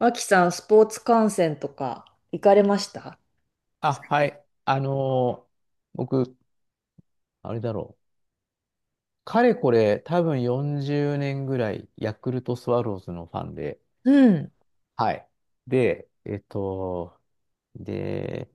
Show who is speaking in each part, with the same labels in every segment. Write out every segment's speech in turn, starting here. Speaker 1: 脇さん、スポーツ観戦とか行かれました？
Speaker 2: あ、
Speaker 1: 最
Speaker 2: は
Speaker 1: 近。
Speaker 2: い。僕、あれだろう。かれこれ、多分40年ぐらい、ヤクルトスワローズのファンで。
Speaker 1: うん、
Speaker 2: はい。で、で、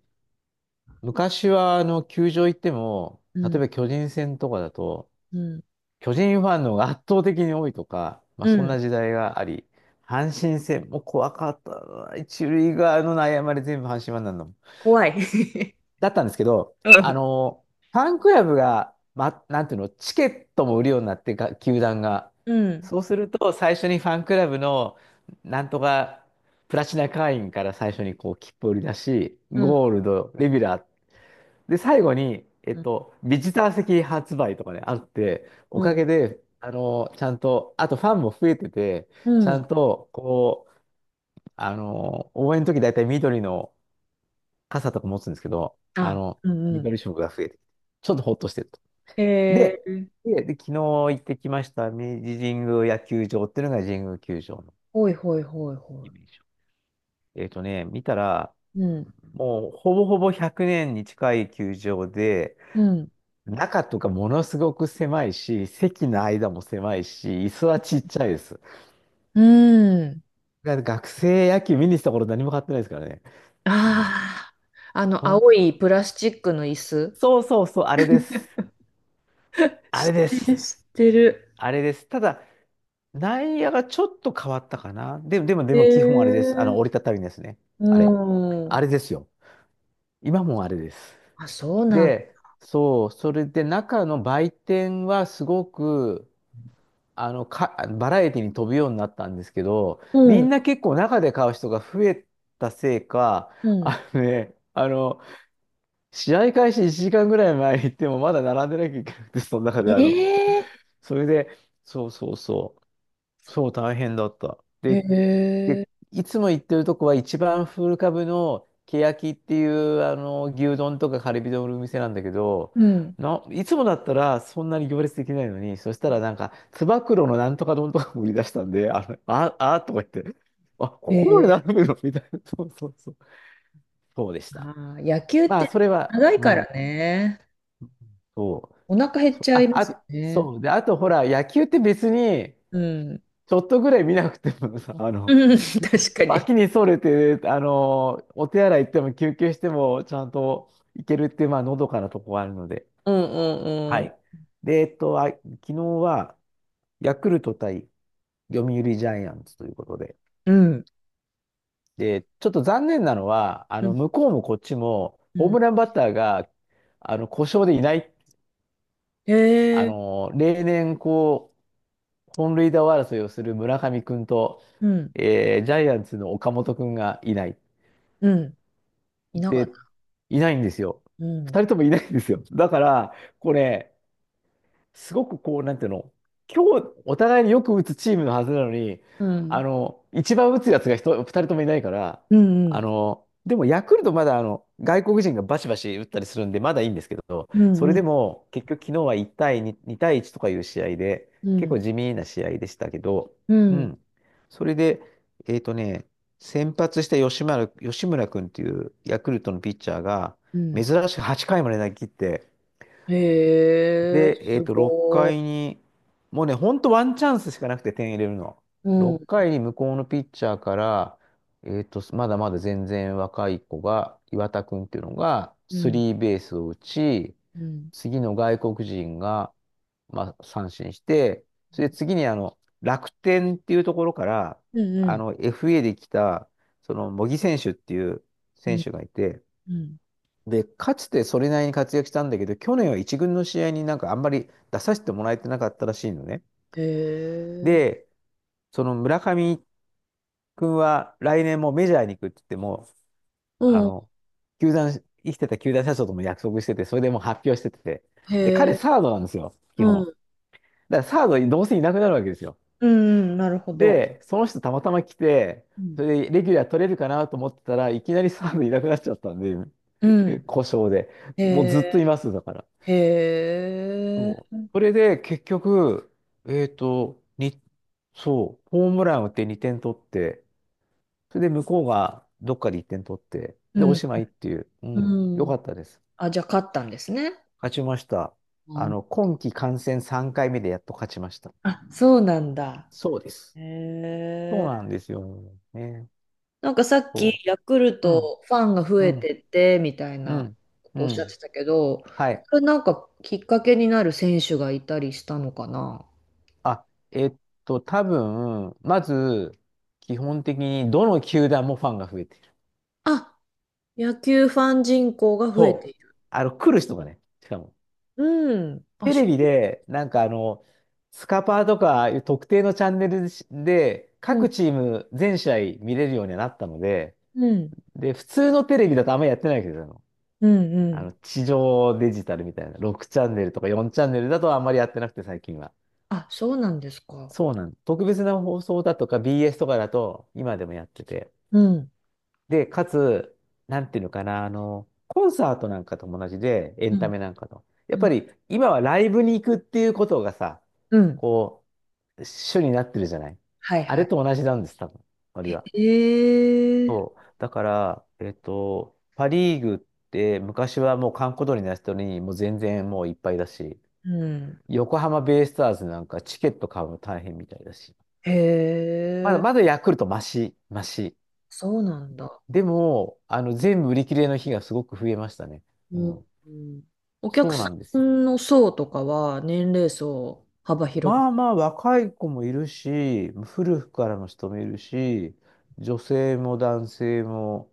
Speaker 2: 昔は、球場行っても、
Speaker 1: う
Speaker 2: 例え
Speaker 1: ん、
Speaker 2: ば巨人戦とかだと、
Speaker 1: うん、
Speaker 2: 巨人ファンの方が圧倒的に多いとか、まあ、
Speaker 1: う
Speaker 2: そん
Speaker 1: ん。
Speaker 2: な時代があり、阪神戦も怖かったな。一塁側の悩まれ全部阪神ファンなんだもん。
Speaker 1: 怖い。
Speaker 2: だったんですけど、ファンクラブが、ま、なんていうの、チケットも売るようになってか、球団が。
Speaker 1: うん、
Speaker 2: そうすると、最初にファンクラブの、なんとか、プラチナ会員から最初にこう、切符を売り出し、
Speaker 1: うん、
Speaker 2: ゴールド、レギュラー。で、最後に、
Speaker 1: うん、
Speaker 2: ビジター席発売とかね、あって、お
Speaker 1: う
Speaker 2: か
Speaker 1: ん、
Speaker 2: げで、ちゃんと、あとファンも増えてて、
Speaker 1: う
Speaker 2: ち
Speaker 1: ん。
Speaker 2: ゃ
Speaker 1: うん。
Speaker 2: んと、こう、応援の時大体緑の、傘とか持つんですけど、
Speaker 1: あ、うん、うん。
Speaker 2: 緑色が増えてきて、ちょっとほっとしてると。
Speaker 1: へ
Speaker 2: で、
Speaker 1: え。
Speaker 2: で昨日行ってきました明治神宮野球場っていうのが神宮球場の
Speaker 1: ほいほいほいほ
Speaker 2: イ
Speaker 1: い。
Speaker 2: メージ。見たら、
Speaker 1: うん、
Speaker 2: もうほぼほぼ100年に近い球場で、
Speaker 1: うん、
Speaker 2: 中とかものすごく狭いし、席の間も狭いし、椅子はちっちゃいです。だ
Speaker 1: うん。
Speaker 2: から学生野球見に来た頃何も買ってないですからね。うん、
Speaker 1: ああ、あの、
Speaker 2: その、
Speaker 1: 青いプラスチックの椅子。
Speaker 2: そうそうそう、あれです。あれで
Speaker 1: え、知っ
Speaker 2: す。
Speaker 1: てる。
Speaker 2: あれです。ただ、内野がちょっと変わったかな。で
Speaker 1: え
Speaker 2: も基本あれです。
Speaker 1: ー、
Speaker 2: 折りたたみですね。
Speaker 1: う
Speaker 2: あれ。
Speaker 1: ん。
Speaker 2: あれですよ。今もあれです。
Speaker 1: あ、そうなん。
Speaker 2: で、そう、それで中の売店はすごく、バラエティに飛ぶようになったんですけど、
Speaker 1: う
Speaker 2: み
Speaker 1: ん、
Speaker 2: んな結構中で買う人が増えたせいか、
Speaker 1: うん。
Speaker 2: あのね、あの、試合開始1時間ぐらい前に行ってもまだ並んでなきゃいけなくて、その中で
Speaker 1: ええ
Speaker 2: それで、そうそうそう、そう大変だった。
Speaker 1: ー、へ
Speaker 2: で、
Speaker 1: え、
Speaker 2: いつも行ってるとこは一番古株のけやきっていうあの牛丼とかカルビ丼のお店なんだけど、
Speaker 1: うん。
Speaker 2: いつもだったらそんなに行列できないのに、そしたらなんか、つば九郎のなんとか丼とかも売り出したんで、あとか言って、あ、ここまで
Speaker 1: ええ。
Speaker 2: 並ぶのみたいな。そうそうそう。そうでした。
Speaker 1: あー、野球っ
Speaker 2: まあ、そ
Speaker 1: て
Speaker 2: れは、
Speaker 1: 長い
Speaker 2: う
Speaker 1: か
Speaker 2: ん、
Speaker 1: らね。
Speaker 2: そ
Speaker 1: お腹減
Speaker 2: う。
Speaker 1: っちゃいますよ
Speaker 2: あ、
Speaker 1: ね。
Speaker 2: そう。で、あとほら、野球って別に、
Speaker 1: うん。
Speaker 2: ちょっとぐらい見なくてもさ、
Speaker 1: うん、確かに。
Speaker 2: 脇にそれて、お手洗い行っても休憩してもちゃんと行けるっていう、まあ、のどかなとこがあるので。
Speaker 1: うんうん
Speaker 2: は
Speaker 1: うん。
Speaker 2: い。で、あ、昨日は、ヤクルト対読売ジャイアンツということで。
Speaker 1: うん。
Speaker 2: で、ちょっと残念なのは、
Speaker 1: うん
Speaker 2: 向こうもこっちも、
Speaker 1: う
Speaker 2: ホー
Speaker 1: ん。
Speaker 2: ムランバッターが、故障でいない、
Speaker 1: へえ。
Speaker 2: 例年、こう、本塁打王争いをする村上君と、
Speaker 1: うん。
Speaker 2: ジャイアンツの岡本君がいない。
Speaker 1: うん。いなが
Speaker 2: で、
Speaker 1: ら。
Speaker 2: いないんですよ。
Speaker 1: うん。
Speaker 2: 二人ともいないんですよ。だから、これ、すごくこう、なんていうの、今日お互いによく打つチームのはずなのに、
Speaker 1: うん。
Speaker 2: 一番打つやつが一人、二人ともいないから、
Speaker 1: うんうん。
Speaker 2: でもヤクルトまだ外国人がバシバシ打ったりするんで、まだいいんですけど、
Speaker 1: う
Speaker 2: そ
Speaker 1: ん
Speaker 2: れ
Speaker 1: うん。
Speaker 2: でも結局昨日は1対2、2対1とかいう試合で、結構地味な試合でしたけど、
Speaker 1: う
Speaker 2: う
Speaker 1: ん。
Speaker 2: ん。それで、えっとね、先発した吉村君っていうヤクルトのピッチャーが、
Speaker 1: う
Speaker 2: 珍
Speaker 1: ん。
Speaker 2: しく8回まで投げ切って、
Speaker 1: へえ、
Speaker 2: で、
Speaker 1: す
Speaker 2: 6
Speaker 1: ご
Speaker 2: 回に、もうね、ほんとワンチャンスしかなくて点入れるの。
Speaker 1: い。う
Speaker 2: 6
Speaker 1: ん。
Speaker 2: 回に向こうのピッチャーから、まだまだ全然若い子が、岩田君っていうのが、
Speaker 1: う
Speaker 2: ス
Speaker 1: ん。
Speaker 2: リーベースを打ち、
Speaker 1: うん。
Speaker 2: 次の外国人が、まあ、三振して、それで次に楽天っていうところから、
Speaker 1: うんうん。
Speaker 2: FA で来た、その、茂木選手っていう
Speaker 1: う
Speaker 2: 選
Speaker 1: ん
Speaker 2: 手がいて、
Speaker 1: うん。
Speaker 2: で、かつてそれなりに活躍したんだけど、去年は一軍の試合になんかあんまり出させてもらえてなかったらしいのね。
Speaker 1: へえ。
Speaker 2: で、その村上君は来年もメジャーに行くって言っても、あ
Speaker 1: うん。
Speaker 2: の、球団、生きてた球団社長とも約束してて、それでもう発表してて。
Speaker 1: へ
Speaker 2: で、彼
Speaker 1: え。
Speaker 2: サードなんですよ、基
Speaker 1: う
Speaker 2: 本。
Speaker 1: ん。
Speaker 2: だからサードどうせいなくなるわけですよ。
Speaker 1: うんうん。なるほど。
Speaker 2: で、その人たまたま来て、
Speaker 1: う
Speaker 2: そ
Speaker 1: ん
Speaker 2: れでレギュラー取れるかなと思ってたらいきなりサードいなくなっちゃったんで、
Speaker 1: うん。
Speaker 2: 故障で。
Speaker 1: へ
Speaker 2: もうずっと
Speaker 1: え、
Speaker 2: います、だから。
Speaker 1: へえ。
Speaker 2: そうそれで結局、えっと、に、そう、ホームラン打って2点取って、それで向こうがどっかで1点取って、
Speaker 1: う
Speaker 2: で、お
Speaker 1: ん。
Speaker 2: しまいっていう、うん、よ
Speaker 1: う
Speaker 2: か
Speaker 1: ん。
Speaker 2: ったです。
Speaker 1: あ、じゃあ勝ったんですね。
Speaker 2: 勝ちました。
Speaker 1: あ、
Speaker 2: 今季観戦3回目でやっと勝ちましたっていう。
Speaker 1: あ、そうなんだ。
Speaker 2: そうです。
Speaker 1: へ
Speaker 2: そう
Speaker 1: え。
Speaker 2: なんですよ。ね。
Speaker 1: なんかさっき
Speaker 2: そ
Speaker 1: ヤクル
Speaker 2: う。うん、
Speaker 1: トファンが増
Speaker 2: う
Speaker 1: え
Speaker 2: ん、
Speaker 1: てってみたい
Speaker 2: う
Speaker 1: な
Speaker 2: ん、
Speaker 1: こ
Speaker 2: う
Speaker 1: とおっしゃっ
Speaker 2: ん。
Speaker 1: てたけど、
Speaker 2: はい。
Speaker 1: それなんかきっかけになる選手がいたりしたのかな。
Speaker 2: あ、えっ多分、まず、基本的にどの球団もファンが増えてる。
Speaker 1: あ、野球ファン人口が増えてい
Speaker 2: そう。
Speaker 1: る。
Speaker 2: 来る人がね、しかも。
Speaker 1: うん。あ、
Speaker 2: テ
Speaker 1: そ
Speaker 2: レビ
Speaker 1: う。
Speaker 2: で、なんかスカパーとかいう特定のチャンネルで、
Speaker 1: うん。
Speaker 2: 各チーム全試合見れるようになったので、
Speaker 1: うん。
Speaker 2: で、普通のテレビだとあんまりやってないけど、
Speaker 1: うん。う
Speaker 2: あの
Speaker 1: ん。
Speaker 2: 地上デジタルみたいな、6チャンネルとか4チャンネルだとあんまりやってなくて、最近は。
Speaker 1: あ、そうなんですか。
Speaker 2: そうなん。特別な放送だとか BS とかだと、今でもやってて。
Speaker 1: うん。
Speaker 2: で、かつ、なんていうのかな、コンサートなんかとも同じで、エ
Speaker 1: う
Speaker 2: ンタ
Speaker 1: ん。
Speaker 2: メなんかと。やっ
Speaker 1: う
Speaker 2: ぱ
Speaker 1: ん。
Speaker 2: り、今はライブに行くっていうことがさ、
Speaker 1: うん。
Speaker 2: こう、主になってるじゃない。
Speaker 1: はい
Speaker 2: あ
Speaker 1: は
Speaker 2: れ
Speaker 1: い。
Speaker 2: と同じなんです、多分、ノは。
Speaker 1: え
Speaker 2: そ
Speaker 1: え、
Speaker 2: う。だから、パ・リーグって昔はもう閑古鳥にな人にもう全然もういっぱいだし、
Speaker 1: うん。
Speaker 2: 横浜ベイスターズなんかチケット買うの大変みたいだし、
Speaker 1: へ
Speaker 2: まだ
Speaker 1: え、
Speaker 2: まだヤクルトマシ、マシ。
Speaker 1: そうなんだ。
Speaker 2: でも、全部売り切れの日がすごく増えましたね。
Speaker 1: う
Speaker 2: う
Speaker 1: ん。
Speaker 2: ん
Speaker 1: うん。お客
Speaker 2: そう
Speaker 1: さ
Speaker 2: なんですよ。
Speaker 1: んの層とかは年齢層幅広
Speaker 2: まあ
Speaker 1: く。
Speaker 2: まあ若い子もいるし、古くからの人もいるし、女性も男性も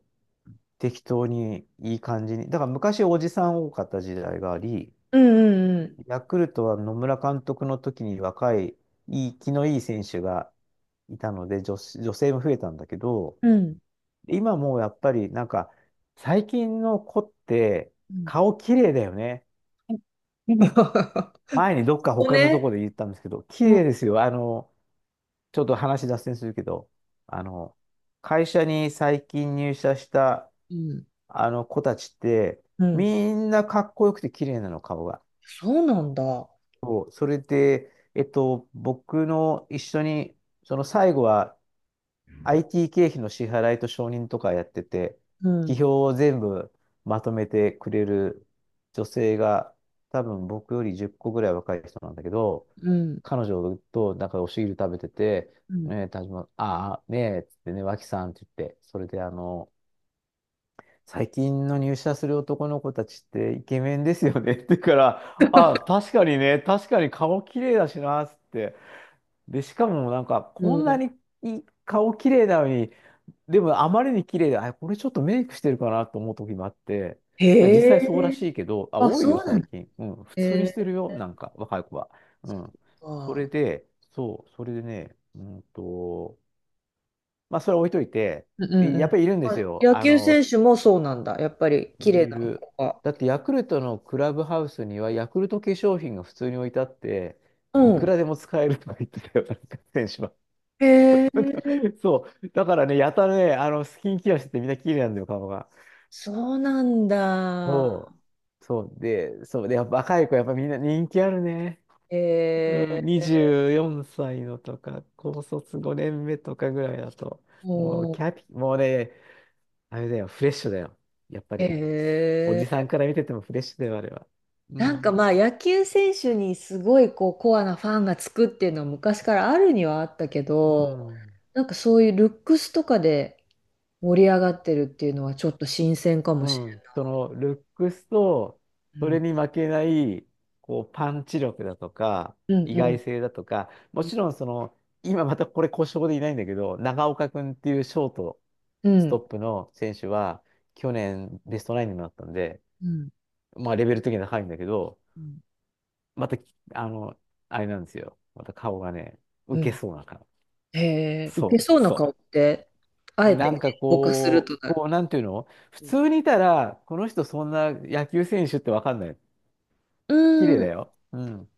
Speaker 2: 適当にいい感じに。だから昔おじさん多かった時代があり、
Speaker 1: うんうん
Speaker 2: ヤクルトは野村監督の時に若い、いい、気のいい選手がいたので、女子、女性も増えたんだけど、
Speaker 1: うん。うん。
Speaker 2: 今もうやっぱりなんか最近の子って
Speaker 1: うん。
Speaker 2: 顔綺麗だよね。
Speaker 1: うん。
Speaker 2: 前にどっか
Speaker 1: こ
Speaker 2: 他のところ
Speaker 1: ね。
Speaker 2: で言ったんですけど、綺
Speaker 1: うん。
Speaker 2: 麗ですよ。ちょっと話脱線するけど、あの、会社に最近入社した
Speaker 1: うん
Speaker 2: あの子たちって、
Speaker 1: うん、
Speaker 2: みんなかっこよくて綺麗なの、顔が。
Speaker 1: そうなんだ。
Speaker 2: そう、それで、僕の一緒に、その最後は IT 経費の支払いと承認とかやってて、
Speaker 1: うん。
Speaker 2: 企業を全部まとめてくれる女性が、多分僕より10個ぐらい若い人なんだけど、
Speaker 1: うん。
Speaker 2: 彼女となんかお汁食べてて、
Speaker 1: うん。
Speaker 2: ねえ、田島、ああ、ねえ、つってね、脇さんって言って、それで最近の入社する男の子たちってイケメンですよねって言うから、あ、確かにね、確かに顔綺麗だしな、つって。で、しかもなんか、
Speaker 1: う
Speaker 2: こんなに
Speaker 1: ん。
Speaker 2: いい顔綺麗なのに、でもあまりに綺麗で、あ、これちょっとメイクしてるかなと思う時もあって、いや、実
Speaker 1: へ
Speaker 2: 際そうら
Speaker 1: え。
Speaker 2: しいけど、あ、
Speaker 1: あ、
Speaker 2: 多いよ、
Speaker 1: そうなん
Speaker 2: 最
Speaker 1: だ。
Speaker 2: 近。うん、普
Speaker 1: へ
Speaker 2: 通にして
Speaker 1: え、
Speaker 2: るよ、なんか、若い子は。うん。そ
Speaker 1: あ、
Speaker 2: れで、そう、それでね、まあ、それは置いといて、
Speaker 1: うんうん
Speaker 2: いやっぱ
Speaker 1: う
Speaker 2: りいるんで
Speaker 1: ん。
Speaker 2: す
Speaker 1: あ、
Speaker 2: よ。
Speaker 1: 野球選手もそうなんだ。やっぱり
Speaker 2: い
Speaker 1: 綺
Speaker 2: る
Speaker 1: 麗
Speaker 2: い
Speaker 1: な
Speaker 2: る。
Speaker 1: 子が。
Speaker 2: だって、ヤクルトのクラブハウスには、ヤクルト化粧品が普通に置いてあって、い
Speaker 1: う
Speaker 2: く
Speaker 1: ん。
Speaker 2: らでも使えるとか言ってたよ、なんか選手は。
Speaker 1: へえ、
Speaker 2: そう。だからね、やたらね、スキンケアしててみんな綺麗なんだよ、顔が。
Speaker 1: そうなんだ。
Speaker 2: そう。そうで、やっぱ若い子、やっぱみんな人気あるね。
Speaker 1: へ
Speaker 2: うん、
Speaker 1: え、
Speaker 2: 24歳のとか、高卒5年目とかぐらいだと、もう
Speaker 1: う
Speaker 2: キ
Speaker 1: ん。
Speaker 2: ャピ、もうね、あれだよ、フレッシュだよ。やっぱ
Speaker 1: へ
Speaker 2: り、おじさ
Speaker 1: え。
Speaker 2: んから見ててもフレッシュだよ、あれは。う
Speaker 1: なんか
Speaker 2: ん、
Speaker 1: まあ野球選手にすごいこうコアなファンがつくっていうのは昔からあるにはあったけ
Speaker 2: う
Speaker 1: ど、
Speaker 2: ん、
Speaker 1: なんかそういうルックスとかで盛り上がってるっていうのはちょっと新鮮かも
Speaker 2: う
Speaker 1: しれ
Speaker 2: ん。その、ルックスと、
Speaker 1: ない。
Speaker 2: そ
Speaker 1: う
Speaker 2: れに
Speaker 1: ん。
Speaker 2: 負けない、こう、パンチ力だとか、
Speaker 1: うん
Speaker 2: 意
Speaker 1: うん
Speaker 2: 外性だとか、もちろん、その、今またこれ故障でいないんだけど、長岡くんっていうショート、
Speaker 1: う
Speaker 2: ストッ
Speaker 1: ん
Speaker 2: プの選手は、去年ベストナインにもなったんで、
Speaker 1: う
Speaker 2: まあレベル的には高いんだけど、
Speaker 1: ん
Speaker 2: また、あの、あれなんですよ。また顔がね、
Speaker 1: う
Speaker 2: 受け
Speaker 1: ん。
Speaker 2: そうな顔。
Speaker 1: へえ、ウケ
Speaker 2: そ
Speaker 1: そ
Speaker 2: う、
Speaker 1: うな顔
Speaker 2: そ
Speaker 1: って、あえ
Speaker 2: う。なん
Speaker 1: て
Speaker 2: か
Speaker 1: ぼかする
Speaker 2: こ
Speaker 1: と
Speaker 2: う、
Speaker 1: なる。
Speaker 2: こう、なんていうの普通にいたら、この人そんな野球選手ってわかんない。綺麗
Speaker 1: うん。
Speaker 2: だ
Speaker 1: う
Speaker 2: よ。うん。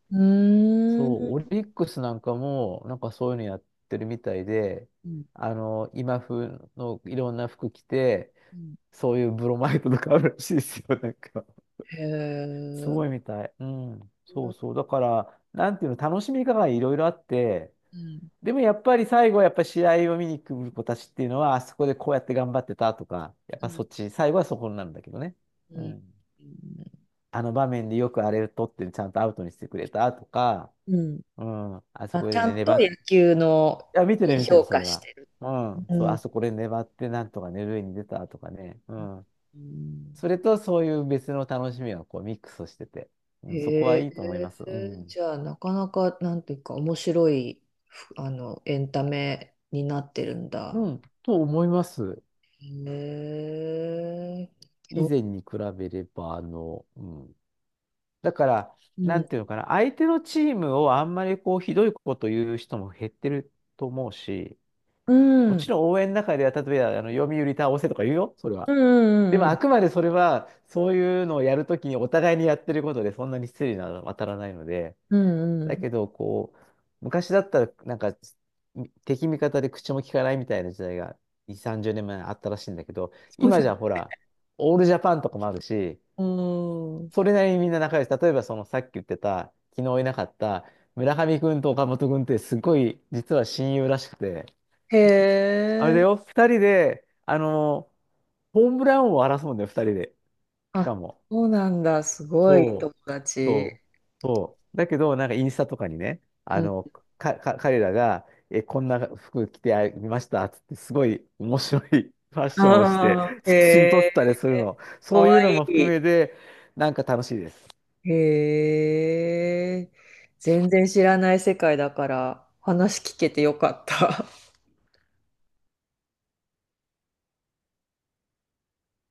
Speaker 2: そ
Speaker 1: ー
Speaker 2: う、
Speaker 1: ん。
Speaker 2: オリックスなんかも、なんかそういうのやってるみたいで、今風のいろんな服着て、
Speaker 1: うん。
Speaker 2: そういうブロマイドとかあるらしいですよ、なんか。
Speaker 1: へえ。
Speaker 2: すごい
Speaker 1: う
Speaker 2: みたい。うん。そう
Speaker 1: ん。
Speaker 2: そう。だから、なんていうの、楽しみ方がいろいろあって、
Speaker 1: うん。
Speaker 2: でもやっぱり最後はやっぱり試合を見に来る子たちっていうのは、あそこでこうやって頑張ってたとか、やっ
Speaker 1: う
Speaker 2: ぱ
Speaker 1: ん
Speaker 2: そっち、最後はそこになるんだけどね。
Speaker 1: う
Speaker 2: う
Speaker 1: ん
Speaker 2: ん。あの場面でよくあれを取ってちゃんとアウトにしてくれたとか、
Speaker 1: うん。
Speaker 2: うん。あそ
Speaker 1: あ、
Speaker 2: こ
Speaker 1: ち
Speaker 2: で
Speaker 1: ゃ
Speaker 2: ね、
Speaker 1: んと
Speaker 2: 粘っ
Speaker 1: 野
Speaker 2: て、
Speaker 1: 球の
Speaker 2: いや、見てる見てる、
Speaker 1: 評
Speaker 2: それ
Speaker 1: 価し
Speaker 2: は。
Speaker 1: てる。
Speaker 2: うん。
Speaker 1: う
Speaker 2: そう、あ
Speaker 1: ん。
Speaker 2: そこで粘ってなんとかね、塁に出たとかね。う
Speaker 1: うん
Speaker 2: ん。
Speaker 1: うん。
Speaker 2: それとそういう別の楽しみがこうミックスしてて、う
Speaker 1: へ
Speaker 2: ん、そこはいいと思いま
Speaker 1: え。
Speaker 2: す。うん。
Speaker 1: じゃあ、なかなか、なんていうか、面白い、ふあの、エンタメになってるん
Speaker 2: う
Speaker 1: だ。
Speaker 2: ん、と思います。
Speaker 1: へえ。き
Speaker 2: 以
Speaker 1: ょ
Speaker 2: 前に比べれば、うん。だから、
Speaker 1: う
Speaker 2: なん
Speaker 1: ん。
Speaker 2: ていうのかな、相手のチームをあんまりこう、ひどいこと言う人も減ってると思うし、
Speaker 1: う
Speaker 2: もち
Speaker 1: ん。
Speaker 2: ろん応援の中では、例えば、読売倒せとか言うよ、それは。
Speaker 1: うんうん
Speaker 2: で
Speaker 1: うん
Speaker 2: も、
Speaker 1: う
Speaker 2: あ
Speaker 1: ん。
Speaker 2: くまでそれは、そういうのをやるときにお互いにやってることで、そんなに失礼なのは当たらないので、
Speaker 1: うんう
Speaker 2: だ
Speaker 1: ん。
Speaker 2: けど、こう、昔だったら、なんか、敵味方で口も聞かないみたいな時代が2、30年前あったらしいんだけど、
Speaker 1: そう
Speaker 2: 今
Speaker 1: だ
Speaker 2: じゃほら、オールジャパンとかもあるし、
Speaker 1: よ、うん。
Speaker 2: それなりにみんな仲良し。例えば、そのさっき言ってた、昨日いなかった村上君と岡本君ってすごい、実は親友らしくて、
Speaker 1: へ
Speaker 2: あれだ
Speaker 1: え。
Speaker 2: よ、2人で、ホームラン王を争うんだよ、2人で。しか
Speaker 1: あ、
Speaker 2: も。
Speaker 1: そうなんだ。すごい
Speaker 2: そ
Speaker 1: 友
Speaker 2: う。
Speaker 1: 達。
Speaker 2: そう。そう。だけど、なんかインスタとかにね、
Speaker 1: うん。
Speaker 2: 彼らが、こんな服着てみましたっつって、すごい面白い ファッションをして、
Speaker 1: ああ、へ
Speaker 2: 写真撮
Speaker 1: え、
Speaker 2: ったりするの。
Speaker 1: か
Speaker 2: そう
Speaker 1: わ
Speaker 2: いうの
Speaker 1: い
Speaker 2: も含め
Speaker 1: い。
Speaker 2: て、なんか楽しいです。
Speaker 1: へえ、全然知らない世界だから話聞けてよかった。